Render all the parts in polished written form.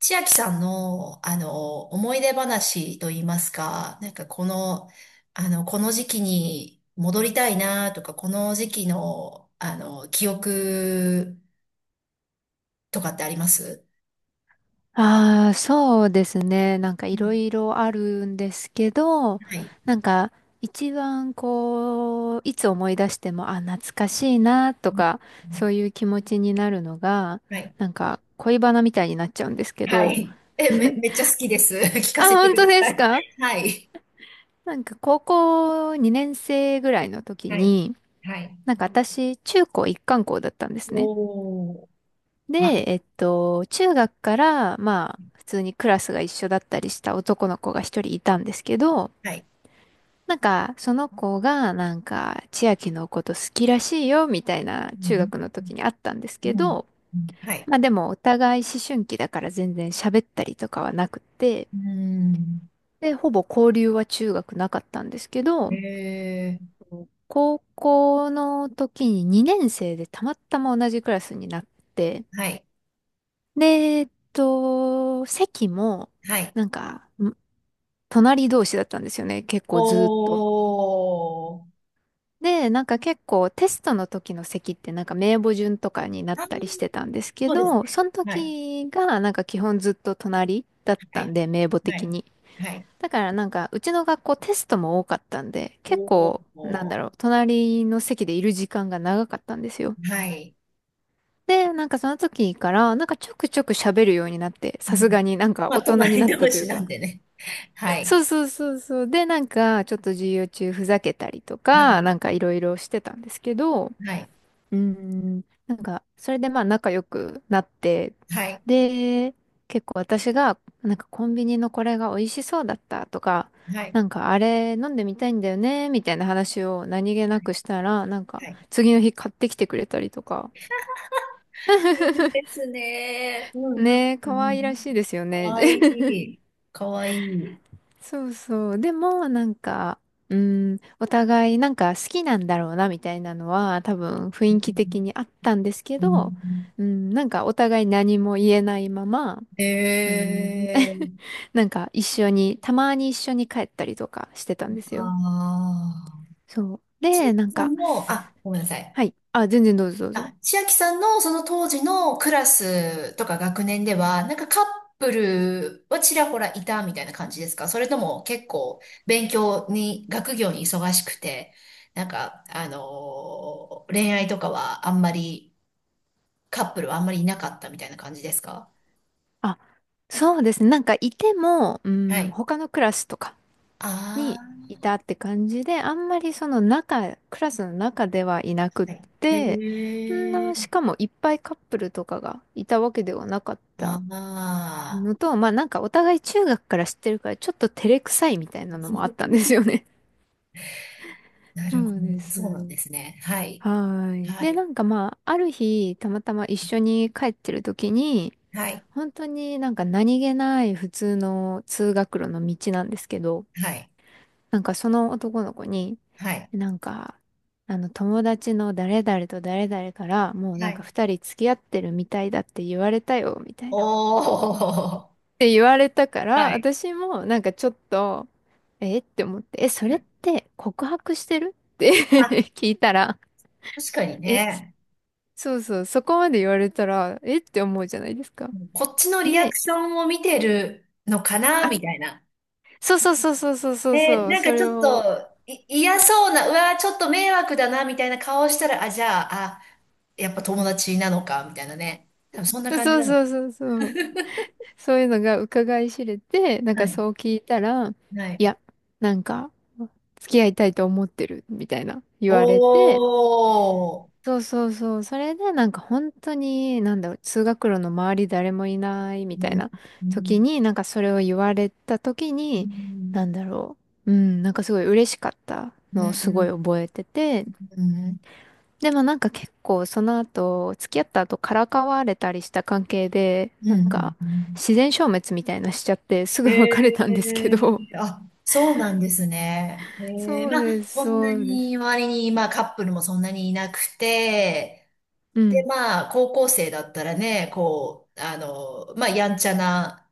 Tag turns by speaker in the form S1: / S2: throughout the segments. S1: 千秋さんの、思い出話といいますか、なんかこの、この時期に戻りたいなとか、この時期の、記憶とかってあります。
S2: ああ、そうですね。なんか
S1: う
S2: いろ
S1: ん、
S2: いろあるんですけど、
S1: はい。
S2: なんか一番こう、いつ思い出しても、あ、懐かしいなとか、そういう気持ちになるのが、
S1: はい。
S2: なんか恋バナみたいになっちゃうんですけ
S1: は
S2: ど。
S1: い。え、め、めっちゃ好きです。聞か
S2: あ、
S1: せて
S2: 本
S1: く
S2: 当
S1: だ
S2: で
S1: さ
S2: す
S1: い。
S2: か？
S1: はい。
S2: なんか高校2年生ぐらいの時
S1: はい。
S2: に、
S1: はい。
S2: なんか私、中高一貫校だったんですね。
S1: おー。は
S2: で、
S1: い。
S2: 中学から、まあ、普通にクラスが一緒だったりした男の子が一人いたんですけど、
S1: はい。
S2: なんか、その子が、なんか、千秋のこと好きらしいよ、みたいな、
S1: う
S2: 中
S1: ん。
S2: 学の時にあったんです
S1: う
S2: け
S1: ん。
S2: ど、
S1: うん、はい。
S2: まあでも、お互い思春期だから全然喋ったりとかはなくて、
S1: うん。
S2: で、ほぼ交流は中学なかったんですけど、
S1: え
S2: 高校の時に2年生でたまたま同じクラスになって、
S1: ー。はい。
S2: で、席も、
S1: はい。
S2: なんか、隣同士だったんですよね、結
S1: お
S2: 構ずーっと。
S1: ー。
S2: で、なんか結構テストの時の席ってなんか名簿順とかになっ
S1: あ
S2: たりし
S1: ー、
S2: てたんですけ
S1: そうですね。
S2: ど、その
S1: はい。
S2: 時がなんか基本ずっと隣だっ
S1: は
S2: たん
S1: い。
S2: で、名簿
S1: は
S2: 的
S1: い。
S2: に。
S1: はい。
S2: だからなんかうちの学校テストも多かったんで、結
S1: お
S2: 構なん
S1: お。
S2: だろう、隣の席でいる時間が長かったんですよ。
S1: はい。
S2: で、なんかその時からなんかちょくちょく喋るようになって、
S1: う
S2: さす
S1: ん。
S2: がになんか
S1: まあ、
S2: 大人に
S1: 隣
S2: なっ
S1: 同
S2: たとい
S1: 士
S2: う
S1: な
S2: か。
S1: んでね。は い。
S2: そうそうそうそう。で、なんかちょっと授業中ふざけたりと
S1: は
S2: か、
S1: い。
S2: なんかいろいろしてたんですけど、
S1: はい。
S2: なんか、それでまあ仲良くなって、
S1: はい。
S2: で、結構私が、なんかコンビニのこれが美味しそうだったとか、
S1: はい。
S2: なんかあれ飲んでみたいんだよね、みたいな話を何気なくしたら、なんか
S1: はい。
S2: 次の日買ってきてくれたりとか。
S1: いいで すね。うん、うん、
S2: ねえ、
S1: う
S2: 可愛らしい
S1: ん。
S2: ですよ
S1: か
S2: ね。
S1: わい い。かわいい。
S2: そうそう。でも、なんか、うん、お互いなんか好きなんだろうな、みたいなのは、多分
S1: う
S2: 雰囲気的
S1: ん、
S2: にあったんですけ
S1: う
S2: ど、
S1: ん、
S2: うん、なんかお互い何も言えないまま、うん、
S1: えー。
S2: なんか一緒に、たまに一緒に帰ったりとかしてたんですよ。
S1: ああ。
S2: そう。
S1: ちい
S2: で、なん
S1: ちゃん
S2: か、
S1: も、あ、ごめんなさい。
S2: はい。あ、全然どうぞどうぞ。
S1: あ、千秋さんのその当時のクラスとか学年では、なんかカップルはちらほらいたみたいな感じですか？それとも結構勉強に、学業に忙しくて、なんか、恋愛とかはあんまり、カップルはあんまりいなかったみたいな感じですか？
S2: あ、そうですね。なんかいても、う
S1: は
S2: ん、
S1: い。
S2: 他のクラスとかに
S1: あ
S2: いたって感じで、あんまりその中、クラスの中ではいなくっ
S1: あ、はい。
S2: て、
S1: へ
S2: し
S1: え、
S2: かもいっぱいカップルとかがいたわけではなかった
S1: ああ、
S2: のと、まあなんかお互い中学から知ってるからちょっと照れくさいみたいなのもあったんですよね。
S1: な
S2: そ
S1: るほ
S2: うで
S1: ど。そうなんで
S2: す。
S1: すね。はい。
S2: はーい。
S1: は
S2: で、
S1: い。
S2: なんかまあ、ある日、たまたま一緒に帰ってる時に、
S1: はい。
S2: 本当になんか何気ない普通の通学路の道なんですけど、
S1: はい。
S2: なんかその男の子に、
S1: はい。
S2: なんか、あの友達の誰々と誰々からもう
S1: は
S2: なんか
S1: い。
S2: 二人付き合ってるみたいだって言われたよ、みたい
S1: お
S2: な。っ
S1: ー。
S2: て言われたか
S1: は
S2: ら、
S1: い。
S2: 私もなんかちょっと、えって思って、え、それって告白してる？って
S1: あ、
S2: 聞いたら、
S1: 確かに
S2: え、
S1: ね。
S2: そうそう、そこまで言われたら、えって思うじゃないですか。
S1: こっちのリアク
S2: で、
S1: ションを見てるのかな、
S2: あ、
S1: みたいな。
S2: そうそうそうそうそうそう
S1: え、
S2: そう、
S1: なん
S2: そ
S1: かち
S2: れ
S1: ょっ
S2: を、
S1: と、い、嫌そうな、うわー、ちょっと迷惑だな、みたいな顔したら、あ、じゃあ、あ、やっぱ友達なのか、みたいなね。多分そんな感じ
S2: そう
S1: なの。
S2: そうそうそう。そういうのが伺い知れて、なん
S1: は
S2: か
S1: い。
S2: そう聞いたら、
S1: はい。
S2: いや、なんか、付き合いたいと思ってる、みたいな言
S1: お
S2: われて、
S1: ー。
S2: そうそうそう、それでなんか本当に、なんだろう、通学路の周り誰もいないみ
S1: う
S2: たい
S1: ん。
S2: な
S1: う
S2: 時
S1: ん。
S2: に、なんかそれを言われた時
S1: う
S2: に、
S1: ん。
S2: なんだろう、うん、なんかすごい嬉しかった
S1: う
S2: のをす
S1: ん。
S2: ごい
S1: う
S2: 覚えてて、
S1: ん。
S2: でもなんか結構その後、付き合った後からかわれたりした関係で、
S1: う
S2: なん
S1: ん。
S2: か
S1: うん。
S2: 自然消滅みたいなしちゃってす
S1: え
S2: ぐ別れ
S1: え、
S2: たんですけど。
S1: あ、そうなんですね。ええ、
S2: そう
S1: まあ、
S2: です、
S1: そんな
S2: そうです。
S1: に周りに、まあ、カップルもそんなにいなくて、
S2: う
S1: で、
S2: ん。
S1: まあ、高校生だったらね、こう、まあ、やんちゃな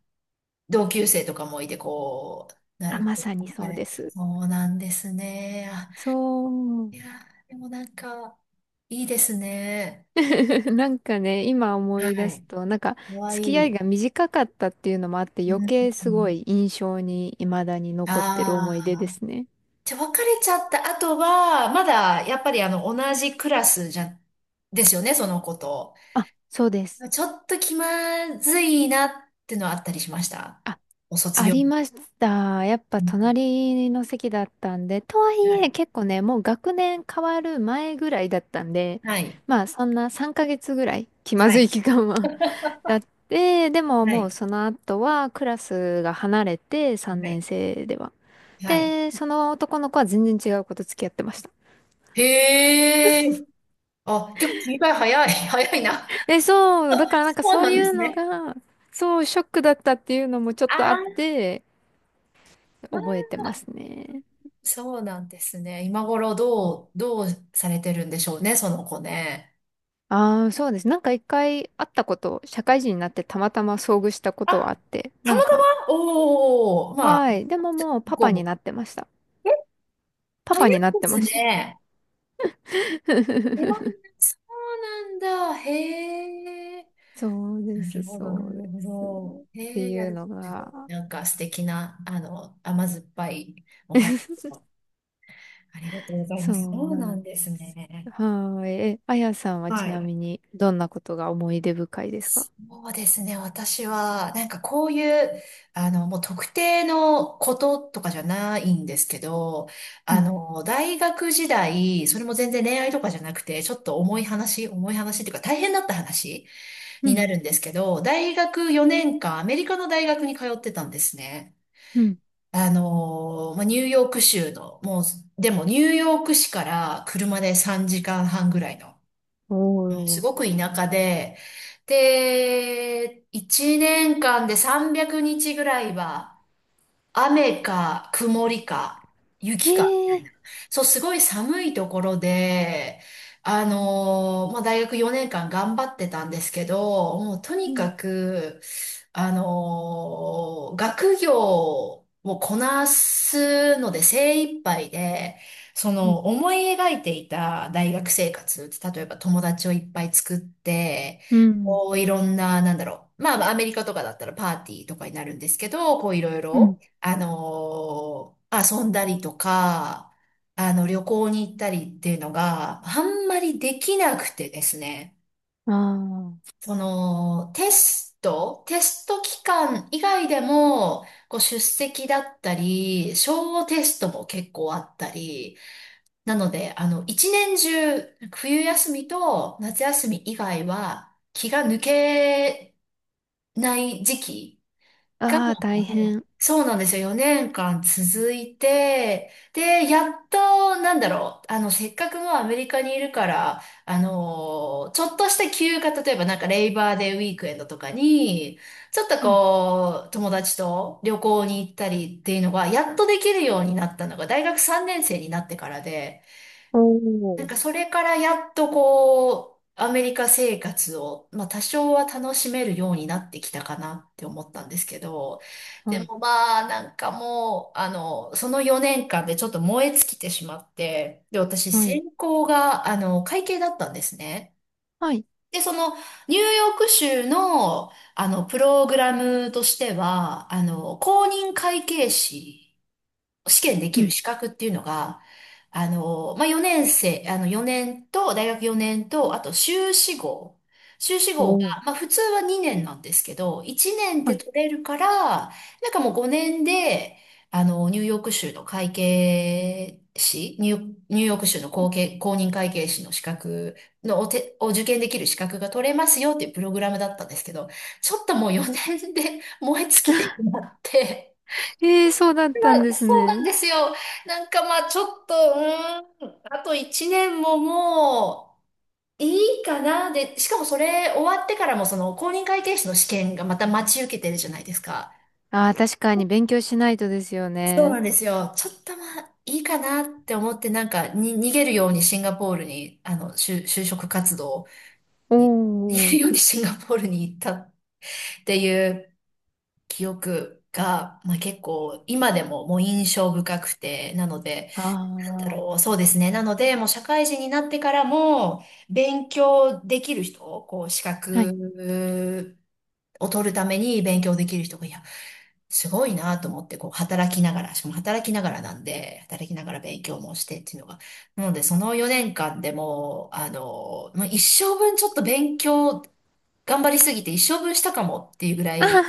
S1: 同級生とかもいて、こう、な
S2: あ、
S1: るほ
S2: ま
S1: ど、
S2: さにそ
S1: あ
S2: う
S1: れっ
S2: で
S1: て、
S2: す。
S1: そうなんですね。あ、
S2: そう。
S1: いやー、でもなんか、いいですね。
S2: なんかね、今思
S1: は
S2: い出
S1: い。
S2: すと、なんか
S1: かわい
S2: 付き合い
S1: い。
S2: が短かったっていうのもあって
S1: う
S2: 余計すご
S1: ん、
S2: い印象に未だに残ってる思い
S1: あ、
S2: 出ですね。
S1: じゃあ、別れちゃった後は、まだ、やっぱり同じクラスじゃ、ですよね、その子と。
S2: あ、そうです。
S1: ちょっと気まずいなってのはあったりしました？
S2: あ
S1: お卒
S2: あ
S1: 業。
S2: りました。やっぱ
S1: う、
S2: 隣の席だったんで、とはい
S1: は
S2: え
S1: い。
S2: 結構ね、もう学年変わる前ぐらいだったんで、
S1: はい。
S2: まあそんな3ヶ月ぐらい気ま
S1: は
S2: ずい
S1: い。
S2: 期間は。 だって、でも
S1: は
S2: もう
S1: い。
S2: その後はクラスが離れて3年生では。
S1: はい。
S2: で、その男の子は全然違う子と付き合ってました。
S1: へえ。あ、結構切り替え早い。早いな。
S2: えそう、だからなんか
S1: そう
S2: そ
S1: な
S2: う
S1: ん
S2: い
S1: で
S2: う
S1: す
S2: の
S1: ね。
S2: が、そう、ショックだったっていうのもちょ
S1: あ
S2: っとあっ
S1: ー、
S2: て、
S1: あー、
S2: 覚えてますね。
S1: そうなんですね。今頃どう、どうされてるんでしょうね、その子ね。
S2: ああ、そうです。なんか一回会ったこと、社会人になってたまたま遭遇したことはあ
S1: あ、
S2: って、
S1: た
S2: な
S1: ま
S2: ん
S1: た
S2: か、
S1: ま、おー、まあ、
S2: はい。でももうパ
S1: こ
S2: パ
S1: う
S2: に
S1: も、
S2: なってました。パ
S1: 早い
S2: パ
S1: で
S2: になってま
S1: す
S2: した。
S1: ね。いやいや、そうなんだ。へえ。
S2: そうで
S1: な
S2: す、
S1: るほど、な
S2: そう
S1: る
S2: で
S1: ほ
S2: す。っ
S1: ど。へ
S2: て
S1: え、や
S2: いう
S1: る。
S2: のが、
S1: なんか素敵な、甘酸っぱいお話を ありがとうござい
S2: そ
S1: ます。そ
S2: う
S1: う
S2: な
S1: な
S2: ん
S1: んです
S2: です。
S1: ね。
S2: はーい。え、あやさんは
S1: は
S2: ちな
S1: い。
S2: みにどんなことが思い出深いですか？
S1: そうですね。私は、なんかこういう、もう特定のこととかじゃないんですけど、
S2: うん、
S1: 大学時代、それも全然恋愛とかじゃなくて、ちょっと重い話、重い話っていうか大変だった話
S2: う
S1: に
S2: ん、
S1: なるんですけど、大学4年間、アメリカの大学に通ってたんですね。
S2: うん。
S1: まあ、ニューヨーク州の、もう、でもニューヨーク市から車で3時間半ぐらいのす
S2: お
S1: ご
S2: ー。
S1: く田舎で、で、1年間で300日ぐらいは、雨か曇りか
S2: へ
S1: 雪かみた
S2: え。
S1: いな。そう、すごい寒いところで、まあ、大学4年間頑張ってたんですけど、もうと
S2: う
S1: に
S2: ん、
S1: かく、学業をこなすので精一杯で、そ
S2: うん、
S1: の思い描いていた大学生活って例えば友達をいっぱい作って、
S2: うん、
S1: こういろんな、なんだろう。まあ、アメリカとかだったらパーティーとかになるんですけど、こういろい
S2: う
S1: ろ。
S2: ん。
S1: 遊んだりとか、旅行に行ったりっていうのがあんまりできなくてですね。
S2: あ
S1: その、テスト期間以外でも、こう出席だったり、小テストも結構あったり、なので、一年中、冬休みと夏休み以外は気が抜けない時期が
S2: あ。あ
S1: も
S2: あ、大
S1: う、
S2: 変。
S1: そうなんですよ。4年間続いて、で、やっと、なんだろう、せっかくもうアメリカにいるから、ちょっとした休暇、例えばなんかレイバーデーウィークエンドとかに、ちょっとこう、友達と旅行に行ったりっていうのが、やっとできるようになったのが、大学3年生になってからで、
S2: お
S1: なん
S2: ー、
S1: かそれからやっとこう、アメリカ生活を、まあ多少は楽しめるようになってきたかなって思ったんですけど、
S2: は
S1: で
S2: い。
S1: もまあなんかもう、その4年間でちょっと燃え尽きてしまって、で、私
S2: はい。
S1: 専攻が、会計だったんですね。
S2: はい。
S1: で、その、ニューヨーク州の、プログラムとしては、公認会計士、試験で
S2: う
S1: きる
S2: ん。
S1: 資格っていうのが、まあ、4年生、4年と、大学4年と、あと修士号。修士号
S2: お
S1: が、
S2: ー、
S1: まあ、普通は2年なんですけど、1年
S2: は
S1: で
S2: い。
S1: 取れるから、なんかもう5年で、ニューヨーク州の会計士、ニューヨーク州の公認会計士の資格のを受験できる資格が取れますよっていうプログラムだったんですけど、ちょっともう4年で燃え尽きてしまって、
S2: えーそうだった
S1: ま
S2: ん
S1: あ
S2: です
S1: そうなん
S2: ね。
S1: ですよ。なんかまあちょっと、あと1年ももういいかな。で、しかもそれ終わってからもその公認会計士の試験がまた待ち受けてるじゃないですか。
S2: ああ、確かに勉強しないとですよ
S1: そう
S2: ね。
S1: なんですよ。ちょっとまあいいかなって思ってなんかに逃げるようにシンガポールに、就職活動
S2: お
S1: に、逃げる
S2: ー、
S1: ようにシンガポールに行ったっていう記憶が、まあ結構今でももう印象深くて、なので、
S2: あ
S1: だろう。そうですね。なので、もう社会人になってからも、勉強できる人、こう、資
S2: あ。はい。
S1: 格を取るために勉強できる人が、いや、すごいなと思って、こう、働きながら、しかも働きながらなんで、働きながら勉強もしてっていうのが。なので、その4年間でもう、もう一生分ちょっと勉強、頑張りすぎて一生分したかもっていうぐらい、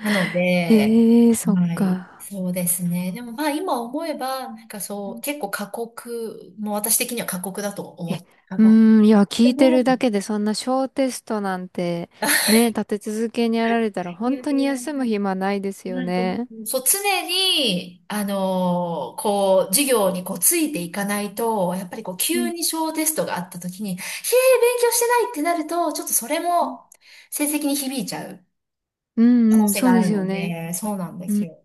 S1: なの
S2: え
S1: で、
S2: ーそっ
S1: はい、
S2: か。
S1: そうですね。でもまあ今思えば、なんか
S2: う
S1: そう、
S2: ん、
S1: 結構過酷、もう私的には過酷だと思
S2: え、う
S1: って、過
S2: ー
S1: 酷。
S2: ん、いや、聞
S1: で
S2: いて
S1: も、
S2: るだけでそんな小テストなんて、ね、立て続けにやられたら
S1: い
S2: 本
S1: やい
S2: 当に
S1: や、
S2: 休む暇ないですよ
S1: なんかも
S2: ね。
S1: う、そう、常に、こう、授業にこう、ついていかないと、やっぱりこう、
S2: う
S1: 急
S2: ん。
S1: に小テストがあった時に、へえ、勉強してないってなると、ちょっとそれも、成績に響いちゃう
S2: う
S1: 可
S2: ん
S1: 能
S2: うん、
S1: 性
S2: そ
S1: が
S2: う
S1: あ
S2: で
S1: る
S2: すよ
S1: の
S2: ね。
S1: で、そうなんで
S2: う
S1: す
S2: ん。
S1: よ。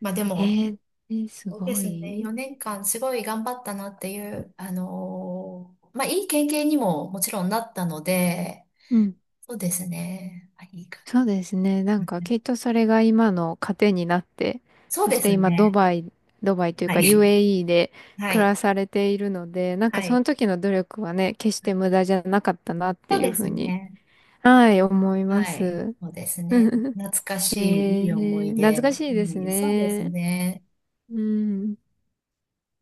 S1: まあでも、
S2: ええ、えーす
S1: そうで
S2: ご
S1: すね。
S2: い。
S1: 4年間すごい頑張ったなっていう、まあ、いい経験にももちろんなったので、
S2: うん、
S1: そうですね。はい、いいか。
S2: そうですね。な
S1: う
S2: んか
S1: ん、
S2: きっとそれが今の糧になって、
S1: そう
S2: そし
S1: で
S2: て
S1: す
S2: 今ド
S1: ね。
S2: バイ、ドバイという
S1: は
S2: か
S1: い。
S2: UAE で
S1: は
S2: 暮
S1: い。
S2: らされているので、なんか
S1: は
S2: そ
S1: い。
S2: の時の努力はね、決して無駄じゃなかったなっ
S1: そ
S2: て
S1: う
S2: いう
S1: で
S2: ふう
S1: す
S2: に、
S1: ね。
S2: はい、思いま
S1: はい。
S2: す。
S1: そうですね。懐か
S2: え
S1: しい、いい思い
S2: ー、懐
S1: 出。
S2: かしいです
S1: うん、そうです
S2: ね。
S1: ね。
S2: うん。